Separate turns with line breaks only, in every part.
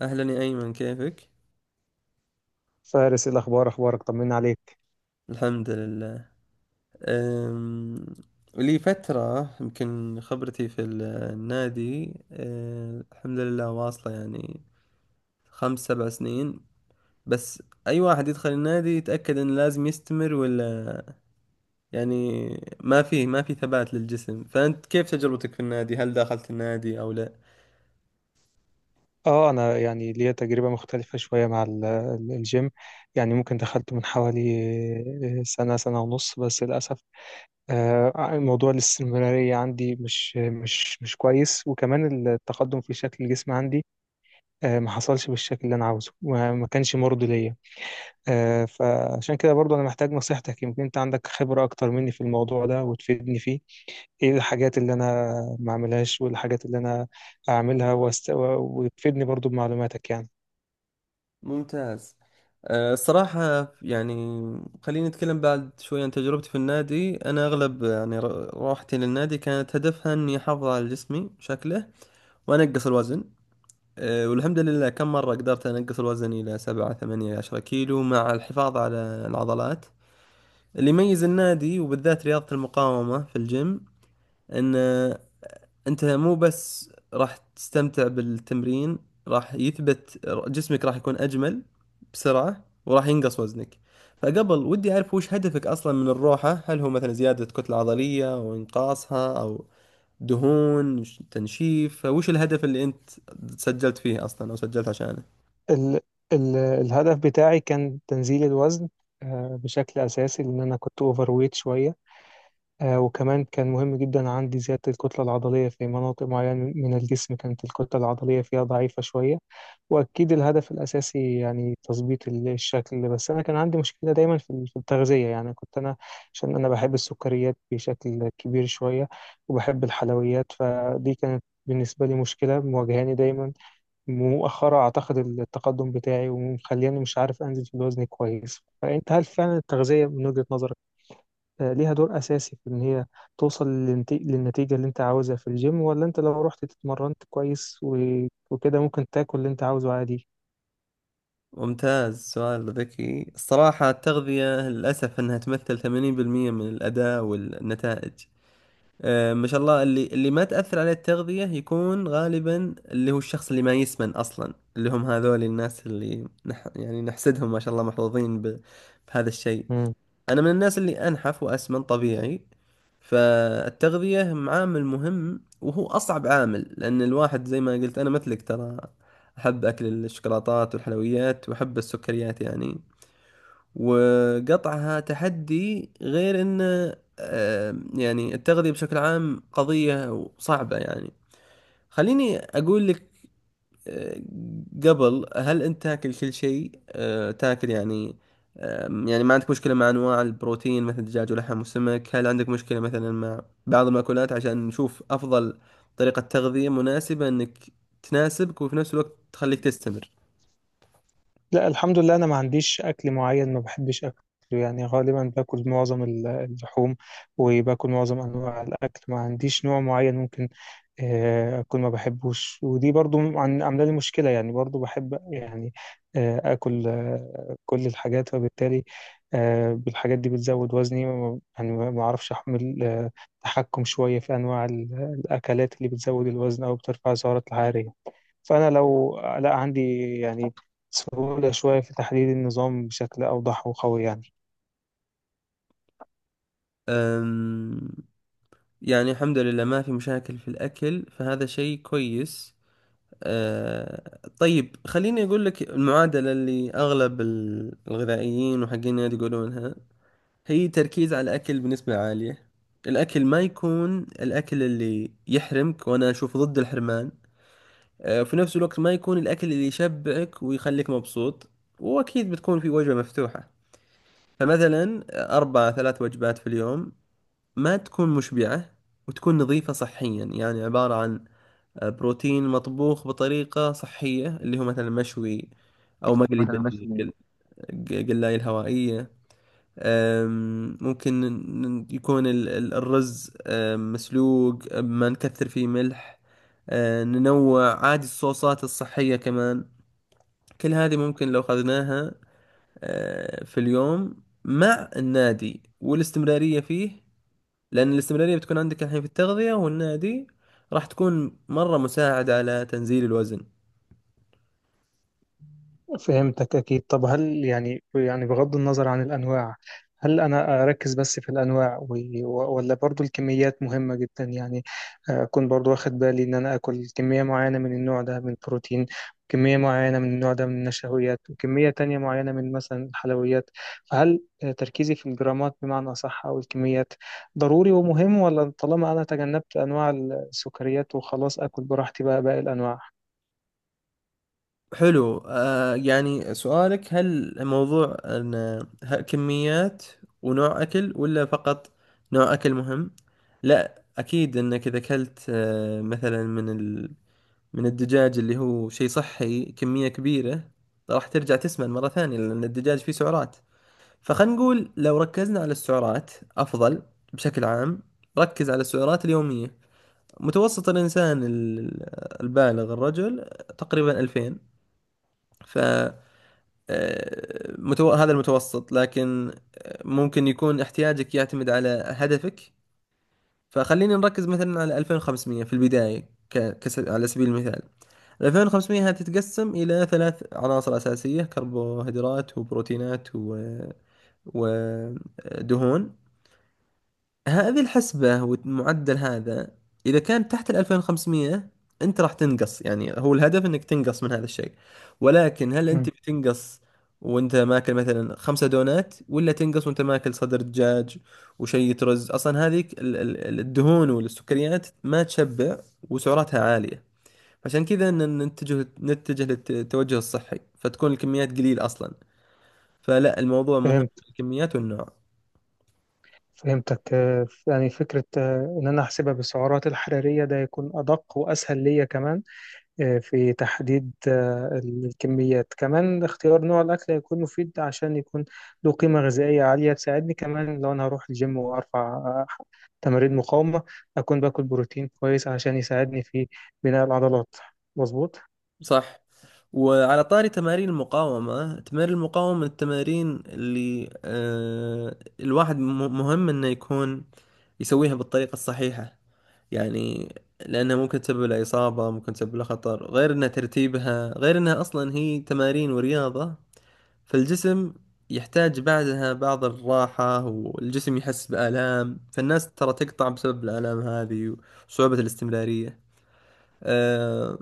أهلا يا أيمن، كيفك؟
فارس، إيه الأخبار؟ أخبارك؟ طمنا عليك.
الحمد لله. أم... لي فترة يمكن خبرتي في النادي، الحمد لله واصلة، يعني خمس سبع سنين. بس أي واحد يدخل النادي يتأكد إنه لازم يستمر، ولا يعني ما في ثبات للجسم. فأنت كيف تجربتك في النادي؟ هل دخلت النادي أو لا؟
أنا يعني ليا تجربة مختلفة شوية مع الجيم. يعني ممكن دخلته من حوالي سنة، سنة ونص. بس للأسف، موضوع الاستمرارية عندي مش كويس، وكمان التقدم في شكل الجسم عندي ما حصلش بالشكل اللي أنا عاوزه، وما ما كانش مرضي ليا. فعشان كده برضو أنا محتاج نصيحتك، يمكن أنت عندك خبرة أكتر مني في الموضوع ده وتفيدني فيه. ايه الحاجات اللي انا ما اعملهاش، وايه الحاجات اللي انا اعملها وتفيدني برضو بمعلوماتك يعني.
ممتاز. الصراحة يعني خليني أتكلم بعد شوي عن تجربتي في النادي. أنا أغلب يعني روحتي للنادي كانت هدفها إني أحافظ على جسمي شكله وأنقص الوزن. والحمد لله كم مرة قدرت أنقص الوزن إلى سبعة ثمانية عشرة كيلو مع الحفاظ على العضلات. اللي يميز النادي وبالذات رياضة المقاومة في الجيم إن انت مو بس راح تستمتع بالتمرين، راح يثبت جسمك، راح يكون اجمل بسرعة، وراح ينقص وزنك. فقبل، ودي اعرف وش هدفك اصلا من الروحة. هل هو مثلا زيادة كتلة عضلية او انقاصها او دهون، تنشيف؟ فوش الهدف اللي انت سجلت فيه اصلا او سجلت عشانه؟
ال... الهدف بتاعي كان تنزيل الوزن بشكل اساسي، لان انا كنت اوفر ويت شوية. وكمان كان مهم جدا عندي زيادة الكتلة العضلية في مناطق معينة من الجسم كانت الكتلة العضلية فيها ضعيفة شوية. وأكيد الهدف الأساسي يعني تظبيط الشكل، بس أنا كان عندي مشكلة دايما في في التغذية. يعني كنت أنا، عشان أنا بحب السكريات بشكل كبير شوية وبحب الحلويات، فدي كانت بالنسبة لي مشكلة مواجهاني دايما مؤخرة أعتقد التقدم بتاعي ومخليني مش عارف أنزل في الوزن كويس. فأنت هل فعلا التغذية من وجهة نظرك ليها دور أساسي في إن هي توصل للنتيجة اللي أنت عاوزها في الجيم؟ ولا أنت لو رحت اتمرنت كويس وكده ممكن تاكل اللي أنت عاوزه عادي؟
ممتاز، سؤال ذكي. الصراحة التغذية للأسف أنها تمثل 80% من الأداء والنتائج. ما شاء الله، اللي ما تأثر عليه التغذية يكون غالبا اللي هو الشخص اللي ما يسمن أصلا، اللي هم هذول الناس اللي يعني نحسدهم، ما شاء الله، محظوظين بهذا الشيء.
مم.
أنا من الناس اللي أنحف وأسمن طبيعي، فالتغذية عامل مهم، وهو أصعب عامل، لأن الواحد زي ما قلت أنا مثلك، ترى أحب أكل الشوكولاتات والحلويات وأحب السكريات يعني، وقطعها تحدي. غير انه يعني التغذية بشكل عام قضية صعبة يعني. خليني اقول لك، آه، قبل، هل انت تاكل كل شيء؟ تاكل يعني، يعني ما عندك مشكلة مع انواع البروتين مثل الدجاج ولحم وسمك؟ هل عندك مشكلة مثلا مع بعض المأكولات عشان نشوف افضل طريقة تغذية مناسبة انك تناسبك، وفي نفس الوقت تخليك تستمر؟
لا، الحمد لله انا ما عنديش اكل معين ما بحبش اكله. يعني غالبا باكل معظم اللحوم، وباكل معظم انواع الاكل. ما عنديش نوع معين ممكن اكون ما بحبوش، ودي برضو عامله لي مشكله. يعني برضو بحب يعني اكل كل الحاجات، فبالتالي بالحاجات دي بتزود وزني، يعني ما اعرفش احمل، تحكم شويه في انواع الاكلات اللي بتزود الوزن او بترفع السعرات الحراريه. فأنا لو لا عندي يعني سهولة شوية في تحليل النظام بشكل أوضح وقوي يعني.
أم، يعني الحمد لله ما في مشاكل في الأكل، فهذا شيء كويس. آه، طيب خليني أقول لك المعادلة اللي أغلب الغذائيين وحقين النادي يقولونها. هي تركيز على الأكل بنسبة عالية، الأكل ما يكون الأكل اللي يحرمك، وأنا أشوف ضد الحرمان. آه، في نفس الوقت ما يكون الأكل اللي يشبعك ويخليك مبسوط، وأكيد بتكون في وجبة مفتوحة. فمثلا أربع ثلاث وجبات في اليوم، ما تكون مشبعة، وتكون نظيفة صحيا، يعني عبارة عن بروتين مطبوخ بطريقة صحية، اللي هو مثلا مشوي أو مقلي
مثلا ماشي.
بالقلاية الهوائية. ممكن يكون الرز مسلوق، ما نكثر فيه ملح. ننوع عادي، الصوصات الصحية كمان. كل هذه ممكن لو أخذناها في اليوم مع النادي والاستمرارية فيه، لأن الاستمرارية بتكون عندك الحين في التغذية والنادي، راح تكون مرة مساعدة على تنزيل الوزن.
فهمتك أكيد. طب هل يعني يعني بغض النظر عن الأنواع، هل أنا أركز بس في الأنواع ولا برضو الكميات مهمة جدا؟ يعني أكون برضو واخد بالي إن أنا أكل كمية معينة من النوع ده من البروتين، وكمية معينة من النوع ده من النشويات، وكمية تانية معينة من مثلا الحلويات. فهل تركيزي في الجرامات بمعنى أصح أو الكميات ضروري ومهم، ولا طالما أنا تجنبت أنواع السكريات وخلاص أكل براحتي بقى باقي الأنواع؟
حلو. آه، يعني سؤالك هل موضوع أن كميات ونوع أكل، ولا فقط نوع أكل مهم؟ لا، أكيد أنك إذا أكلت آه مثلا من الدجاج، اللي هو شيء صحي، كمية كبيرة، راح ترجع تسمن مرة ثانية، لأن الدجاج فيه سعرات. فخلينا نقول لو ركزنا على السعرات أفضل بشكل عام. ركز على السعرات اليومية. متوسط الإنسان البالغ، الرجل، تقريبا 2000. ف هذا المتوسط، لكن آه، ممكن يكون احتياجك يعتمد على هدفك. فخلينا نركز مثلا على 2500 في البداية، على سبيل المثال. 2500 هذه تتقسم إلى ثلاث عناصر أساسية: كربوهيدرات وبروتينات ودهون. هذه الحسبة والمعدل هذا، إذا كان تحت ال 2500، أنت راح تنقص. يعني هو الهدف أنك تنقص من هذا الشيء. ولكن هل أنت
مم.
بتنقص وأنت ماكل مثلا 5 دونات، ولا تنقص وأنت ماكل صدر دجاج وشيء رز؟ أصلا هذيك الدهون والسكريات ما تشبع، وسعراتها عالية، عشان كذا نتجه للتوجه الصحي، فتكون الكميات قليل أصلا. فلا، الموضوع مهم،
فهمتك.
الكميات والنوع.
يعني فكرة إن أنا أحسبها بالسعرات الحرارية ده يكون أدق وأسهل ليا، كمان في تحديد الكميات. كمان اختيار نوع الأكل هيكون مفيد عشان يكون له قيمة غذائية عالية تساعدني، كمان لو أنا هروح الجيم وأرفع تمارين مقاومة أكون باكل بروتين كويس عشان يساعدني في بناء العضلات. مظبوط.
صح. وعلى طاري تمارين المقاومة، تمارين المقاومة من التمارين اللي آه الواحد مهم انه يكون يسويها بالطريقة الصحيحة، يعني لأنها ممكن تسبب له إصابة، ممكن تسبب له خطر، غير أنها ترتيبها، غير أنها أصلا هي تمارين ورياضة، فالجسم يحتاج بعدها بعض الراحة، والجسم يحس بآلام، فالناس ترى تقطع بسبب الآلام هذه وصعوبة الاستمرارية. آه،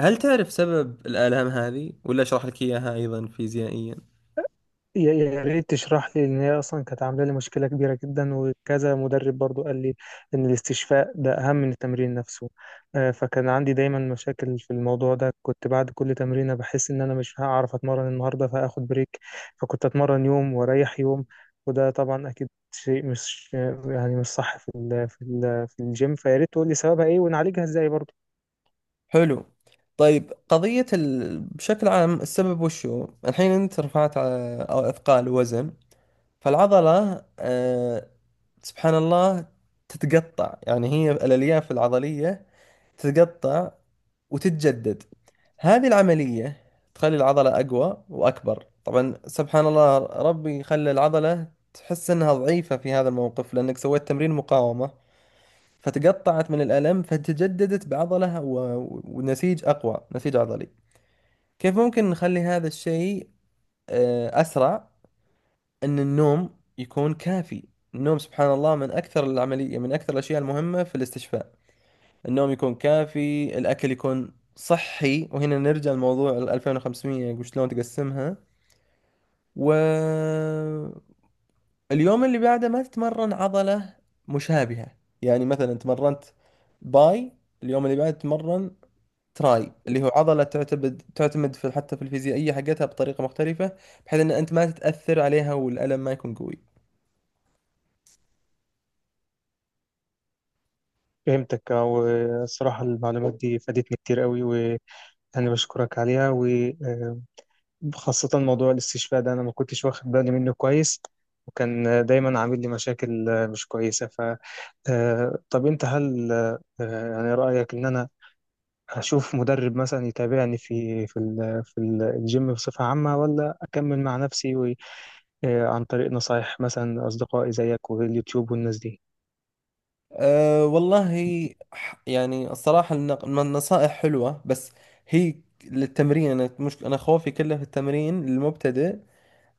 هل تعرف سبب الآلام هذه، ولا أشرح لك إياها أيضا فيزيائيا؟
يا ريت تشرح لي، ان هي اصلا كانت عامله لي مشكله كبيره جدا، وكذا مدرب برضو قال لي ان الاستشفاء ده اهم من التمرين نفسه. فكان عندي دايما مشاكل في الموضوع ده، كنت بعد كل تمرينه بحس ان انا مش هعرف اتمرن النهارده فاخد بريك، فكنت اتمرن يوم واريح يوم. وده طبعا اكيد شيء مش يعني مش صح في ال في ال في الجيم. فيا ريت تقول لي سببها ايه ونعالجها ازاي برضو.
حلو. طيب، قضية بشكل عام السبب وشو الحين؟ أنت رفعت أو أثقال وزن، فالعضلة سبحان الله تتقطع، يعني هي الألياف العضلية تتقطع وتتجدد. هذه العملية تخلي العضلة أقوى وأكبر. طبعا سبحان الله، ربي خلى العضلة تحس أنها ضعيفة في هذا الموقف لأنك سويت تمرين مقاومة، فتقطعت من الألم، فتجددت بعضلة ونسيج أقوى، نسيج عضلي. كيف ممكن نخلي هذا الشيء أسرع؟ أن النوم يكون كافي. النوم سبحان الله من أكثر الأشياء المهمة في الاستشفاء. النوم يكون كافي، الأكل يكون صحي، وهنا نرجع لموضوع ال 2500 وشلون تقسمها. واليوم اللي بعده ما تتمرن عضلة مشابهة، يعني مثلا تمرنت باي، اليوم اللي بعده تتمرن تراي، اللي هو عضلة تعتمد في، حتى في الفيزيائية حقتها، بطريقة مختلفة، بحيث ان انت ما تتأثر عليها والألم ما يكون قوي.
فهمتك. والصراحه المعلومات دي فادتني كتير قوي، و انا بشكرك عليها، و خاصة موضوع الاستشفاء ده أنا ما كنتش واخد بالي منه كويس وكان دايما عامل لي مشاكل مش كويسة. طب أنت هل يعني رأيك إن أنا أشوف مدرب مثلا يتابعني في الجيم بصفة عامة، ولا أكمل مع نفسي عن طريق نصايح مثلا أصدقائي زيك واليوتيوب والناس دي؟
أه والله، يعني الصراحة النصائح حلوة، بس هي للتمرين. انا مش انا خوفي كله في التمرين المبتدئ.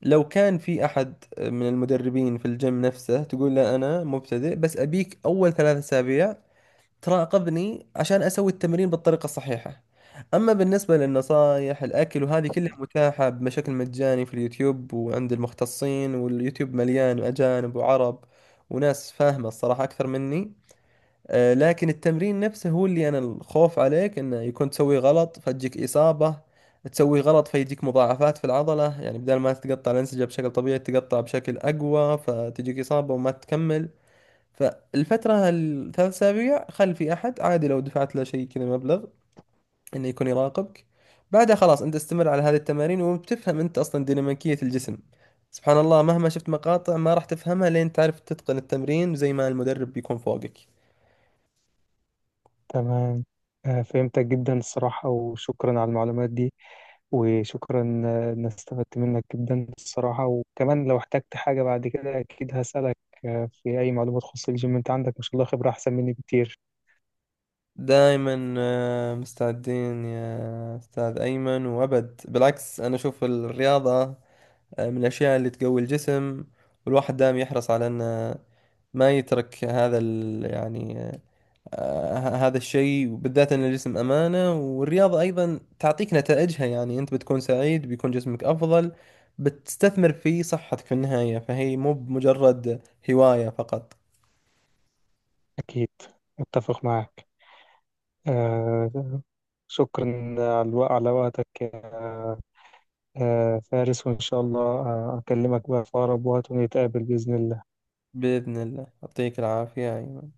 لو كان في احد من المدربين في الجيم نفسه، تقول له انا مبتدئ، بس ابيك اول 3 اسابيع تراقبني عشان أسوي التمرين بالطريقة الصحيحة. أما بالنسبة للنصايح، الأكل وهذه كلها متاحة بشكل مجاني في اليوتيوب وعند المختصين، واليوتيوب مليان أجانب وعرب وناس فاهمة الصراحة أكثر مني. آه، لكن التمرين نفسه هو اللي أنا الخوف عليك إنه يكون تسوي غلط فتجيك إصابة، تسوي غلط فيجيك مضاعفات في العضلة، يعني بدل ما تتقطع الأنسجة بشكل طبيعي تتقطع بشكل أقوى فتجيك إصابة وما تكمل. فالفترة ال 3 أسابيع، خل في أحد عادي، لو دفعت له شيء كذا مبلغ إنه يكون يراقبك. بعدها خلاص أنت استمر على هذه التمارين، وبتفهم أنت أصلا ديناميكية الجسم. سبحان الله، مهما شفت مقاطع ما راح تفهمها لين تعرف تتقن التمرين زي ما المدرب بيكون فوقك.
تمام. فهمتك جدا الصراحة، وشكرا على المعلومات دي. وشكرا إن استفدت منك جدا الصراحة. وكمان لو احتجت حاجة بعد كده أكيد هسألك في أي معلومة تخص الجيم. أنت عندك ما شاء الله خبرة أحسن مني بكتير.
دائما آه، مستعدين يا أستاذ أيمن، وأبد بالعكس. أنا أشوف الرياضة آه، من الأشياء اللي تقوي الجسم، والواحد دائما يحرص على أنه ما يترك هذا ال يعني آه، آه، هذا الشيء. وبالذات ان الجسم امانه، والرياضه ايضا تعطيك نتائجها، يعني انت بتكون سعيد، بيكون جسمك افضل، بتستثمر في صحتك في النهايه، فهي مو بمجرد هوايه فقط.
أكيد، أتفق معك. آه، شكرا على الوقت على وقتك يا فارس. وإن شاء الله أكلمك بقى في أقرب وقت، ونتقابل بإذن الله.
باذن الله، يعطيك العافيه أيمن.